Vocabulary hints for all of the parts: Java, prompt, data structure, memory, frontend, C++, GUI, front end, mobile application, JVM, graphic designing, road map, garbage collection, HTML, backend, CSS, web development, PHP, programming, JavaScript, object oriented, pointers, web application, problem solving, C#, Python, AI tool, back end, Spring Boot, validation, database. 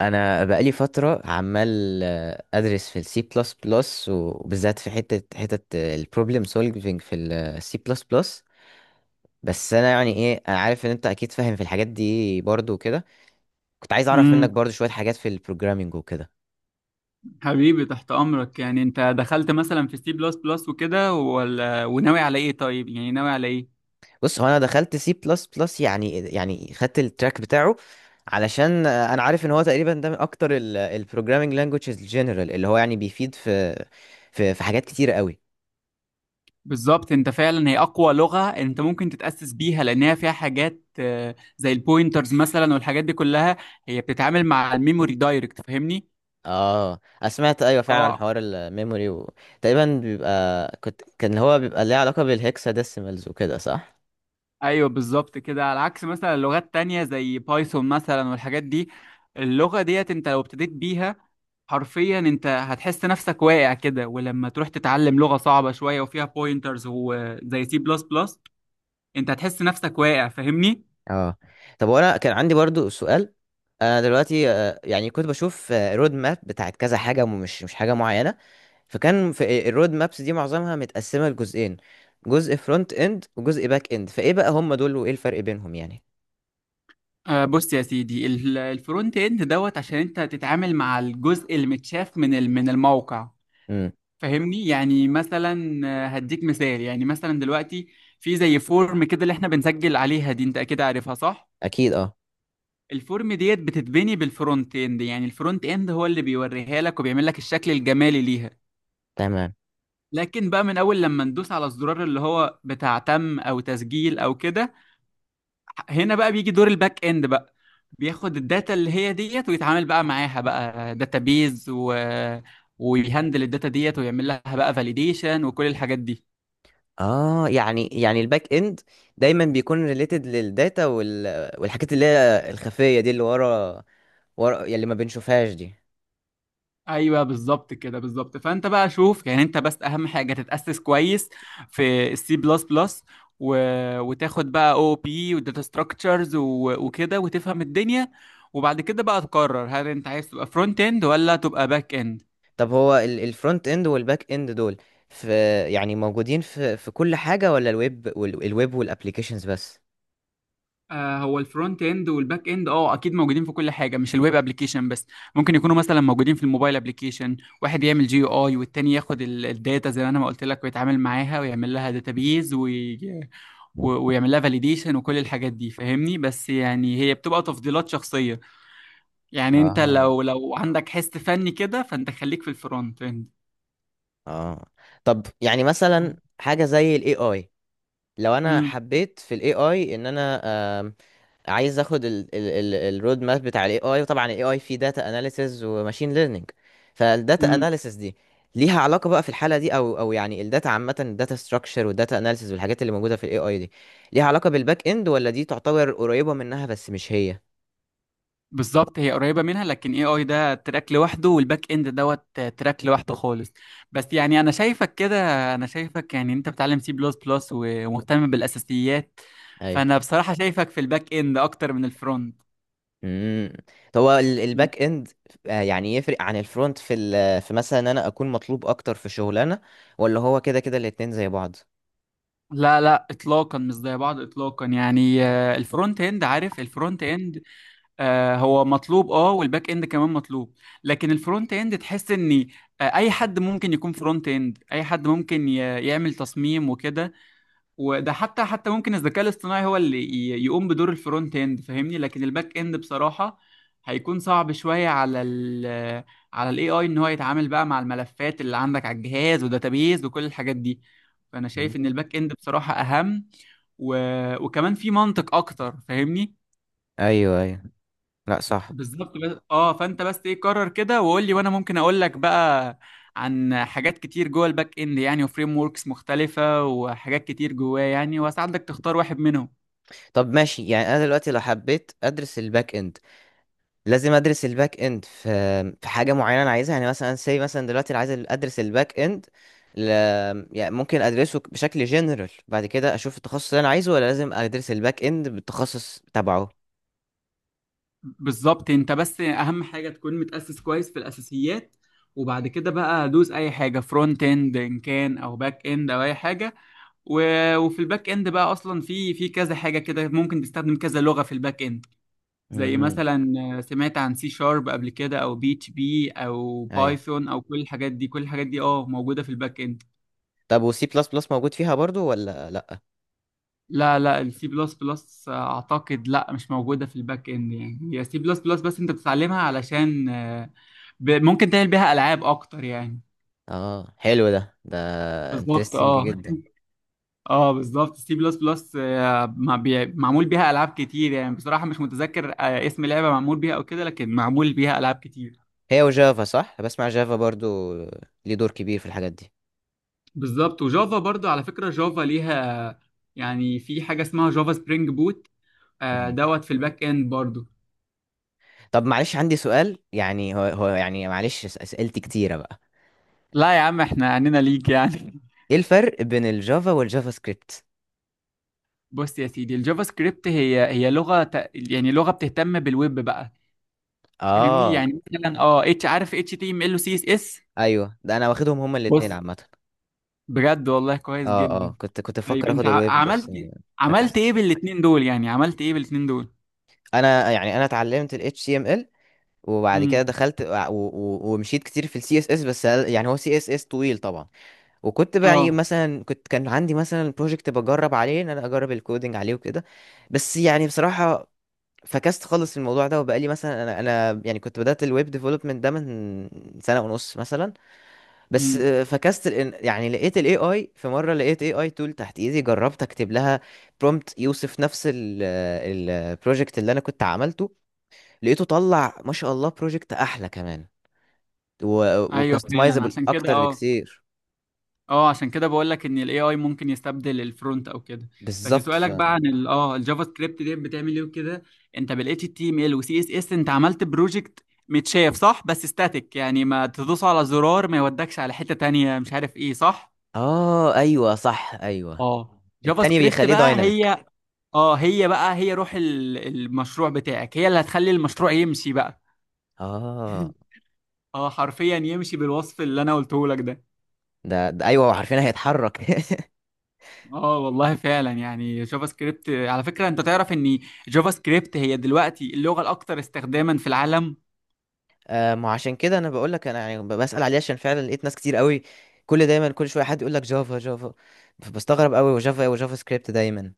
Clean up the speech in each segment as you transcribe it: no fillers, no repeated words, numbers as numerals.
انا بقالي فتره عمال ادرس في السي بلس بلس، وبالذات في حته البروبلم سولفينج في السي بلس بلس. بس انا يعني ايه، انا عارف ان انت اكيد فاهم في الحاجات دي برضو وكده. كنت عايز اعرف منك امم برضو شويه حاجات في البروجرامينج وكده. حبيبي تحت امرك. يعني انت دخلت مثلا في سي بلس بلس وكده، ولا وناوي على ايه؟ طيب يعني ناوي على ايه؟ بص، هو انا دخلت سي بلس بلس، يعني خدت التراك بتاعه، علشان انا عارف ان هو تقريبا ده من اكتر البروجرامينج لانجويجز الجنرال، اللي هو يعني بيفيد في في حاجات كتيره قوي. بالظبط، انت فعلا هي اقوى لغة انت ممكن تتأسس بيها، لانها فيها حاجات زي البوينترز مثلا والحاجات دي كلها. هي بتتعامل مع الميموري دايركت، فاهمني؟ اه، أنا سمعت ايوه فعلا عن اه حوار الميموري و... تقريبا بيبقى كنت كان هو بيبقى ليه علاقه بالهكسا ديسيمالز وكده، صح؟ ايوه بالظبط كده. على عكس مثلا لغات تانية زي بايثون مثلا والحاجات دي، اللغة ديت انت لو ابتديت بيها حرفيا انت هتحس نفسك واقع كده، ولما تروح تتعلم لغة صعبة شوية وفيها بوينترز وزي سي بلس بلس انت هتحس نفسك واقع، فاهمني؟ اه. طب، وانا كان عندي برضو سؤال. انا دلوقتي يعني كنت بشوف رود ماب بتاعت كذا حاجه، ومش مش حاجه معينه. فكان في الرود مابس دي معظمها متقسمه لجزئين، جزء فرونت اند وجزء باك اند. فايه بقى هم دول وايه الفرق بينهم يعني؟ آه، بص يا سيدي، الفرونت اند دوت عشان انت تتعامل مع الجزء المتشاف من من الموقع. امم. فاهمني؟ يعني مثلا هديك مثال. يعني مثلا دلوقتي في زي فورم كده اللي احنا بنسجل عليها دي، انت اكيد عارفها صح؟ اكيد اه. الفورم ديت بتتبني بالفرونت اند، يعني الفرونت اند هو اللي بيوريها لك وبيعمل لك الشكل الجمالي ليها. تمام. لكن بقى من اول لما ندوس على الزرار اللي هو بتاع تم او تسجيل او كده، هنا بقى بيجي دور الباك اند بقى. بياخد الداتا اللي هي ديت، ويتعامل بقى معاها بقى، داتابيز ويهندل الداتا ديت، ويعمل لها بقى فاليديشن وكل الحاجات دي. اه، يعني الباك اند دايما بيكون ريليتد للداتا وال... والحاجات اللي هي الخفيه دي، اللي ورا، ورا يعني اللي ما بنشوفهاش دي. ايوه بالظبط كده، بالظبط. فانت بقى شوف، يعني انت بس اهم حاجه تتاسس كويس في السي بلس بلس، وتاخد بقى او بي وداتا ستراكشرز وكده وتفهم الدنيا، وبعد كده بقى تقرر هل انت عايز تبقى فرونت اند ولا تبقى باك اند. طب، هو الفرونت اند والباك اند دول في، يعني موجودين في كل حاجه، ولا الويب وال... الويب والابليكيشنز بس؟ آه، هو الفرونت اند والباك اند اه اكيد موجودين في كل حاجه، مش الويب ابلكيشن بس. ممكن يكونوا مثلا موجودين في الموبايل ابلكيشن، واحد يعمل جي يو اي، والتاني ياخد الداتا زي ما انا ما قلت لك، ويتعامل معاها، ويعمل لها داتابيز ويعمل لها فاليديشن وكل الحاجات دي، فاهمني؟ بس يعني هي بتبقى تفضيلات شخصيه. يعني انت اه. لو عندك حس فني كده فانت خليك في الفرونت اند. اه. طب يعني مثلا حاجه زي الاي اي، لو انا حبيت في الاي اي ان انا آم، عايز اخد الرود ماب بتاع الاي اي، وطبعا الاي اي فيه داتا اناليسز وماشين ليرنينج. فالداتا امم اناليسز دي ليها علاقه بقى في الحاله دي، او يعني الداتا عامه، الداتا ستراكشر والداتا اناليسز والحاجات اللي موجوده في الاي اي دي، ليها علاقه بالباك اند، ولا دي تعتبر قريبه منها بس مش هي؟ بالظبط، هي قريبة منها، لكن اي اي ده تراك لوحده، والباك اند دوت تراك لوحده خالص. بس يعني انا شايفك كده، انا شايفك يعني انت بتعلم سي بلس بلس ومهتم بالاساسيات، ايوه. فانا بصراحة شايفك في الباك اند اكتر من الفرونت. امم. طب، هو م. الباك اند يعني يفرق عن الفرونت في في مثلا ان انا اكون مطلوب اكتر في شغلانه، ولا هو كده كده الاتنين زي بعض؟ لا لا، اطلاقا مش زي بعض اطلاقا. يعني آه، الفرونت اند، عارف الفرونت اند آه، هو مطلوب اه، والباك اند كمان مطلوب، لكن الفرونت اند تحس ان آه، اي حد ممكن يكون فرونت اند. اي حد ممكن يعمل تصميم وكده، وده حتى ممكن الذكاء الاصطناعي هو اللي يقوم بدور الفرونت اند، فاهمني؟ لكن الباك اند بصراحة هيكون صعب شوية على ال على الاي اي ان هو يتعامل بقى مع الملفات اللي عندك على الجهاز وداتابيز وكل الحاجات دي. فانا شايف ان الباك اند بصراحة اهم، و... وكمان في منطق اكتر، فاهمني؟ ايوه ايوه. لا، صح. بالظبط. بس اه فانت بس ايه، قرر كده وقول لي، وانا ممكن اقول لك بقى عن حاجات كتير جوه الباك اند، يعني وفريم وركس مختلفة وحاجات كتير جواه يعني، واساعدك تختار واحد منهم. طب، ماشي. يعني انا دلوقتي لو حبيت ادرس الباك اند، لازم ادرس الباك اند في في حاجه معينه انا عايزها، يعني مثلا سي مثلا؟ دلوقتي أنا عايز ادرس الباك اند، ل... يعني ممكن ادرسه بشكل جنرال بعد كده اشوف التخصص اللي انا عايزه، ولا لازم ادرس الباك اند بالتخصص تبعه؟ بالظبط، انت بس اهم حاجه تكون متاسس كويس في الاساسيات، وبعد كده بقى دوس اي حاجه، فرونت اند ان كان او باك اند او اي حاجه. وفي الباك اند بقى اصلا في كذا حاجه كده، ممكن تستخدم كذا لغه في الباك اند. زي امم. مثلا آه، سمعت عن سي شارب قبل كده، او بي اتش بي، او ايوه. بايثون، او كل الحاجات دي. كل الحاجات دي اه موجوده في الباك اند. طب وسي بلس بلس موجود فيها برضو ولا لا؟ لا لا، السي بلس بلس اعتقد لا مش موجوده في الباك اند. يعني هي سي بلس بلس بس انت بتتعلمها علشان ممكن تعمل بيها العاب اكتر يعني. اه، حلو ده. ده بالظبط انترستنج اه. جدا. اه بالظبط، سي بلس بلس معمول بيها العاب كتير. يعني بصراحه مش متذكر اسم لعبه معمول بيها او كده، لكن معمول بيها العاب كتير. هي وجافا، صح؟ بسمع جافا برضو ليه دور كبير في الحاجات بالظبط، وجافا برضو على فكره جافا ليها، يعني في حاجه اسمها جافا سبرينج بوت، آه، دي. دوت في الباك اند برضو. طب معلش عندي سؤال، يعني هو يعني معلش، اسئلتي كتيرة بقى. لا يا عم، احنا عنينا ليك يعني. ايه الفرق بين الجافا والجافا سكريبت؟ بص يا سيدي، الجافا سكريبت هي لغه يعني لغه بتهتم بالويب بقى. فاهمني؟ اه يعني مثلا اه اتش، عارف اتش تي ام ال وسي اس اس. ايوه، ده انا واخدهم هما الاتنين بص، عامة. بجد والله كويس اه اه، جدا. كنت طيب بفكر اخد انت الويب بس. عملت إيه؟ عملت ايه فكست. بالاتنين دول؟ يعني عملت ايه بالاتنين دول؟ انا يعني انا اتعلمت ال HTML، وبعد كده امم دخلت ومشيت كتير في ال CSS، بس يعني هو CSS طويل طبعا. وكنت بقى يعني اه مثلا، كنت كان عندي مثلا بروجكت بجرب عليه ان انا اجرب الكودينج عليه وكده. بس يعني بصراحة فكست خالص الموضوع ده. وبقالي مثلا، انا يعني كنت بدأت الويب ديفلوبمنت ده من سنة ونص مثلا. بس امم فكست يعني لقيت الاي اي. في مرة لقيت اي اي تول تحت ايدي، جربت اكتب لها برومبت يوصف نفس البروجكت اللي انا كنت عملته، لقيته طلع ما شاء الله بروجكت احلى كمان، ايوه فعلا، وكاستمايزابل عشان كده اكتر اه. بكتير. اه عشان كده بقول لك ان الاي اي ممكن يستبدل الفرونت او كده. بس بالظبط. ف سؤالك بقى عن اه الجافا سكريبت دي بتعمل ايه وكده. انت بالاتش تي ام ال وسي اس اس انت عملت بروجكت متشاف صح، بس استاتيك، يعني ما تدوس على زرار ما يودكش على حتة تانية مش عارف ايه، صح؟ اه ايوه صح، ايوه. اه جافا التاني سكريبت بيخليه بقى دايناميك. هي اه هي بقى، هي روح المشروع بتاعك، هي اللي هتخلي المشروع يمشي بقى. اه. اه حرفيا يمشي بالوصف اللي انا قلته لك ده. ده, ايوه، وعارفين هيتحرك. اه والله فعلا. يعني جافا سكريبت على فكرة انت تعرف ان جافا سكريبت هي دلوقتي اللغة الاكثر استخداما في العالم. ما عشان كده انا بقول لك. انا يعني بسأل عليه عشان فعلا لقيت ناس كتير قوي، كل دايما كل شويه حد يقول لك جافا جافا، فبستغرب قوي وجافا ايه وجافا سكريبت دايما.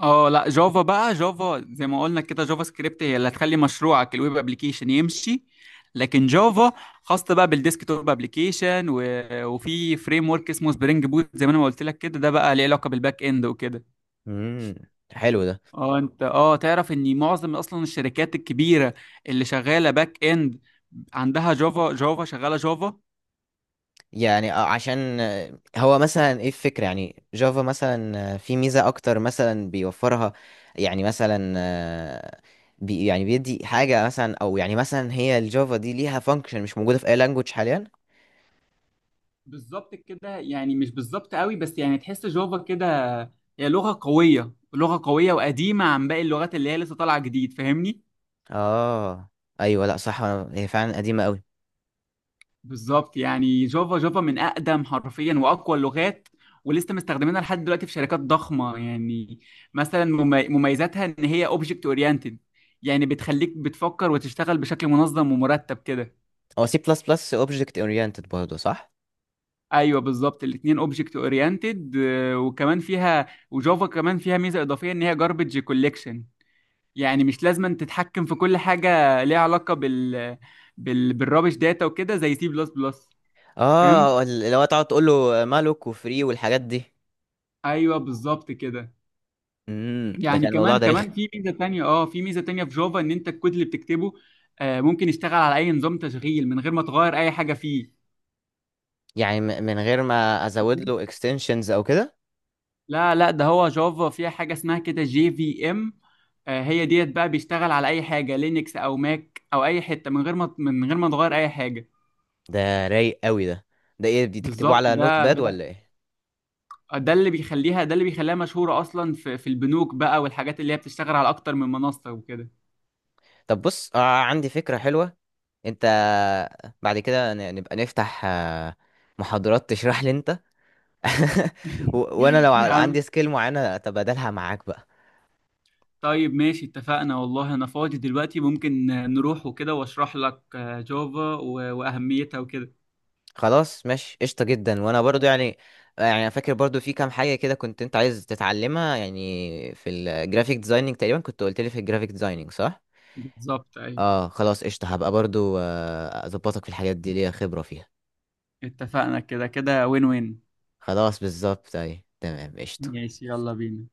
اه لا، جافا بقى جافا. زي ما قلنا كده جافا سكريبت هي اللي هتخلي مشروعك الويب ابلكيشن يمشي، لكن جافا خاصة بقى بالديسك توب ابلكيشن، وفي فريم ورك اسمه سبرينج بوت زي ما انا ما قلت لك كده، ده بقى ليه علاقة بالباك اند وكده. امم. حلو ده. اه انت اه تعرف ان معظم اصلا الشركات الكبيره اللي شغاله باك اند عندها جافا، جافا شغاله جافا. يعني عشان هو مثلا ايه الفكره، يعني جافا مثلا في ميزه اكتر مثلا بيوفرها؟ يعني مثلا بي يعني بيدي حاجه مثلا، او يعني مثلا هي الجافا دي ليها فانكشن مش موجوده في اي لانجوج حاليا؟ بالظبط كده، يعني مش بالظبط قوي بس يعني تحس جافا كده هي لغه قويه، لغه قويه وقديمه عن باقي اللغات اللي هي لسه طالعه جديد، فاهمني؟ اه ايوه، لا صح. هي فعلا قديمه قوي. بالظبط، يعني جافا، جافا من اقدم حرفيا واقوى اللغات، ولسه مستخدمينها لحد دلوقتي في شركات ضخمه يعني. مثلا مميزاتها ان هي اوبجكت اورينتد، يعني بتخليك بتفكر وتشتغل بشكل منظم ومرتب كده. هو سي بلس بلس اوبجكت اورينتد برضه، صح؟ ايوه بالظبط، الاثنين اوبجكت اورينتد. وكمان فيها، وجافا كمان فيها ميزه اضافيه ان هي جاربج كوليكشن، يعني مش لازم أن تتحكم في كل حاجه ليها علاقه بال بالرابش داتا وكده زي سي بلس بلس. فهمت؟ اه، ال- اللي هو تقعد تقول له مالك وفري والحاجات دي. ايوه بالظبط كده. امم، ده يعني كان الموضوع كمان ده رخم. كمان في ميزه تانية، اه في ميزه تانية في جافا، ان انت الكود اللي بتكتبه ممكن يشتغل على اي نظام تشغيل من غير ما تغير اي حاجه فيه. يعني من غير ما ازود له اكستنشنز او كده؟ لا لا، ده هو جافا فيها حاجة اسمها كده جي في ام، آه، هي ديت بقى بيشتغل على أي حاجة، لينكس أو ماك أو أي حتة، من غير ما تغير أي حاجة. ده رايق قوي ده. ده ايه، دي تكتبوه بالظبط، على نوت ده باد ده ولا ايه؟ ده اللي بيخليها، ده اللي بيخليها مشهورة أصلا في البنوك بقى والحاجات اللي هي بتشتغل على أكتر من منصة وكده. طب بص، آه، عندي فكرة حلوة. انت بعد كده نبقى نفتح محاضرات تشرح لي انت، و... وانا لو يا عم، عندي سكيل معينة اتبادلها معاك بقى. طيب ماشي اتفقنا، والله أنا فاضي دلوقتي ممكن نروح وكده وأشرح لك جافا وأهميتها وكده. خلاص ماشي، قشطة جدا. وانا برضو يعني، يعني انا فاكر برضو في كام حاجة كده كنت انت عايز تتعلمها، يعني في الجرافيك ديزايننج تقريبا، كنت قلت لي في الجرافيك ديزايننج، صح؟ بالظبط أيوه. اه، خلاص قشطة. هبقى برضو اظبطك في الحاجات دي، ليا خبرة فيها. اتفقنا، كده كده وين وين. خلاص، بالظبط، اي تمام قشطة. ماشي، يلا بينا.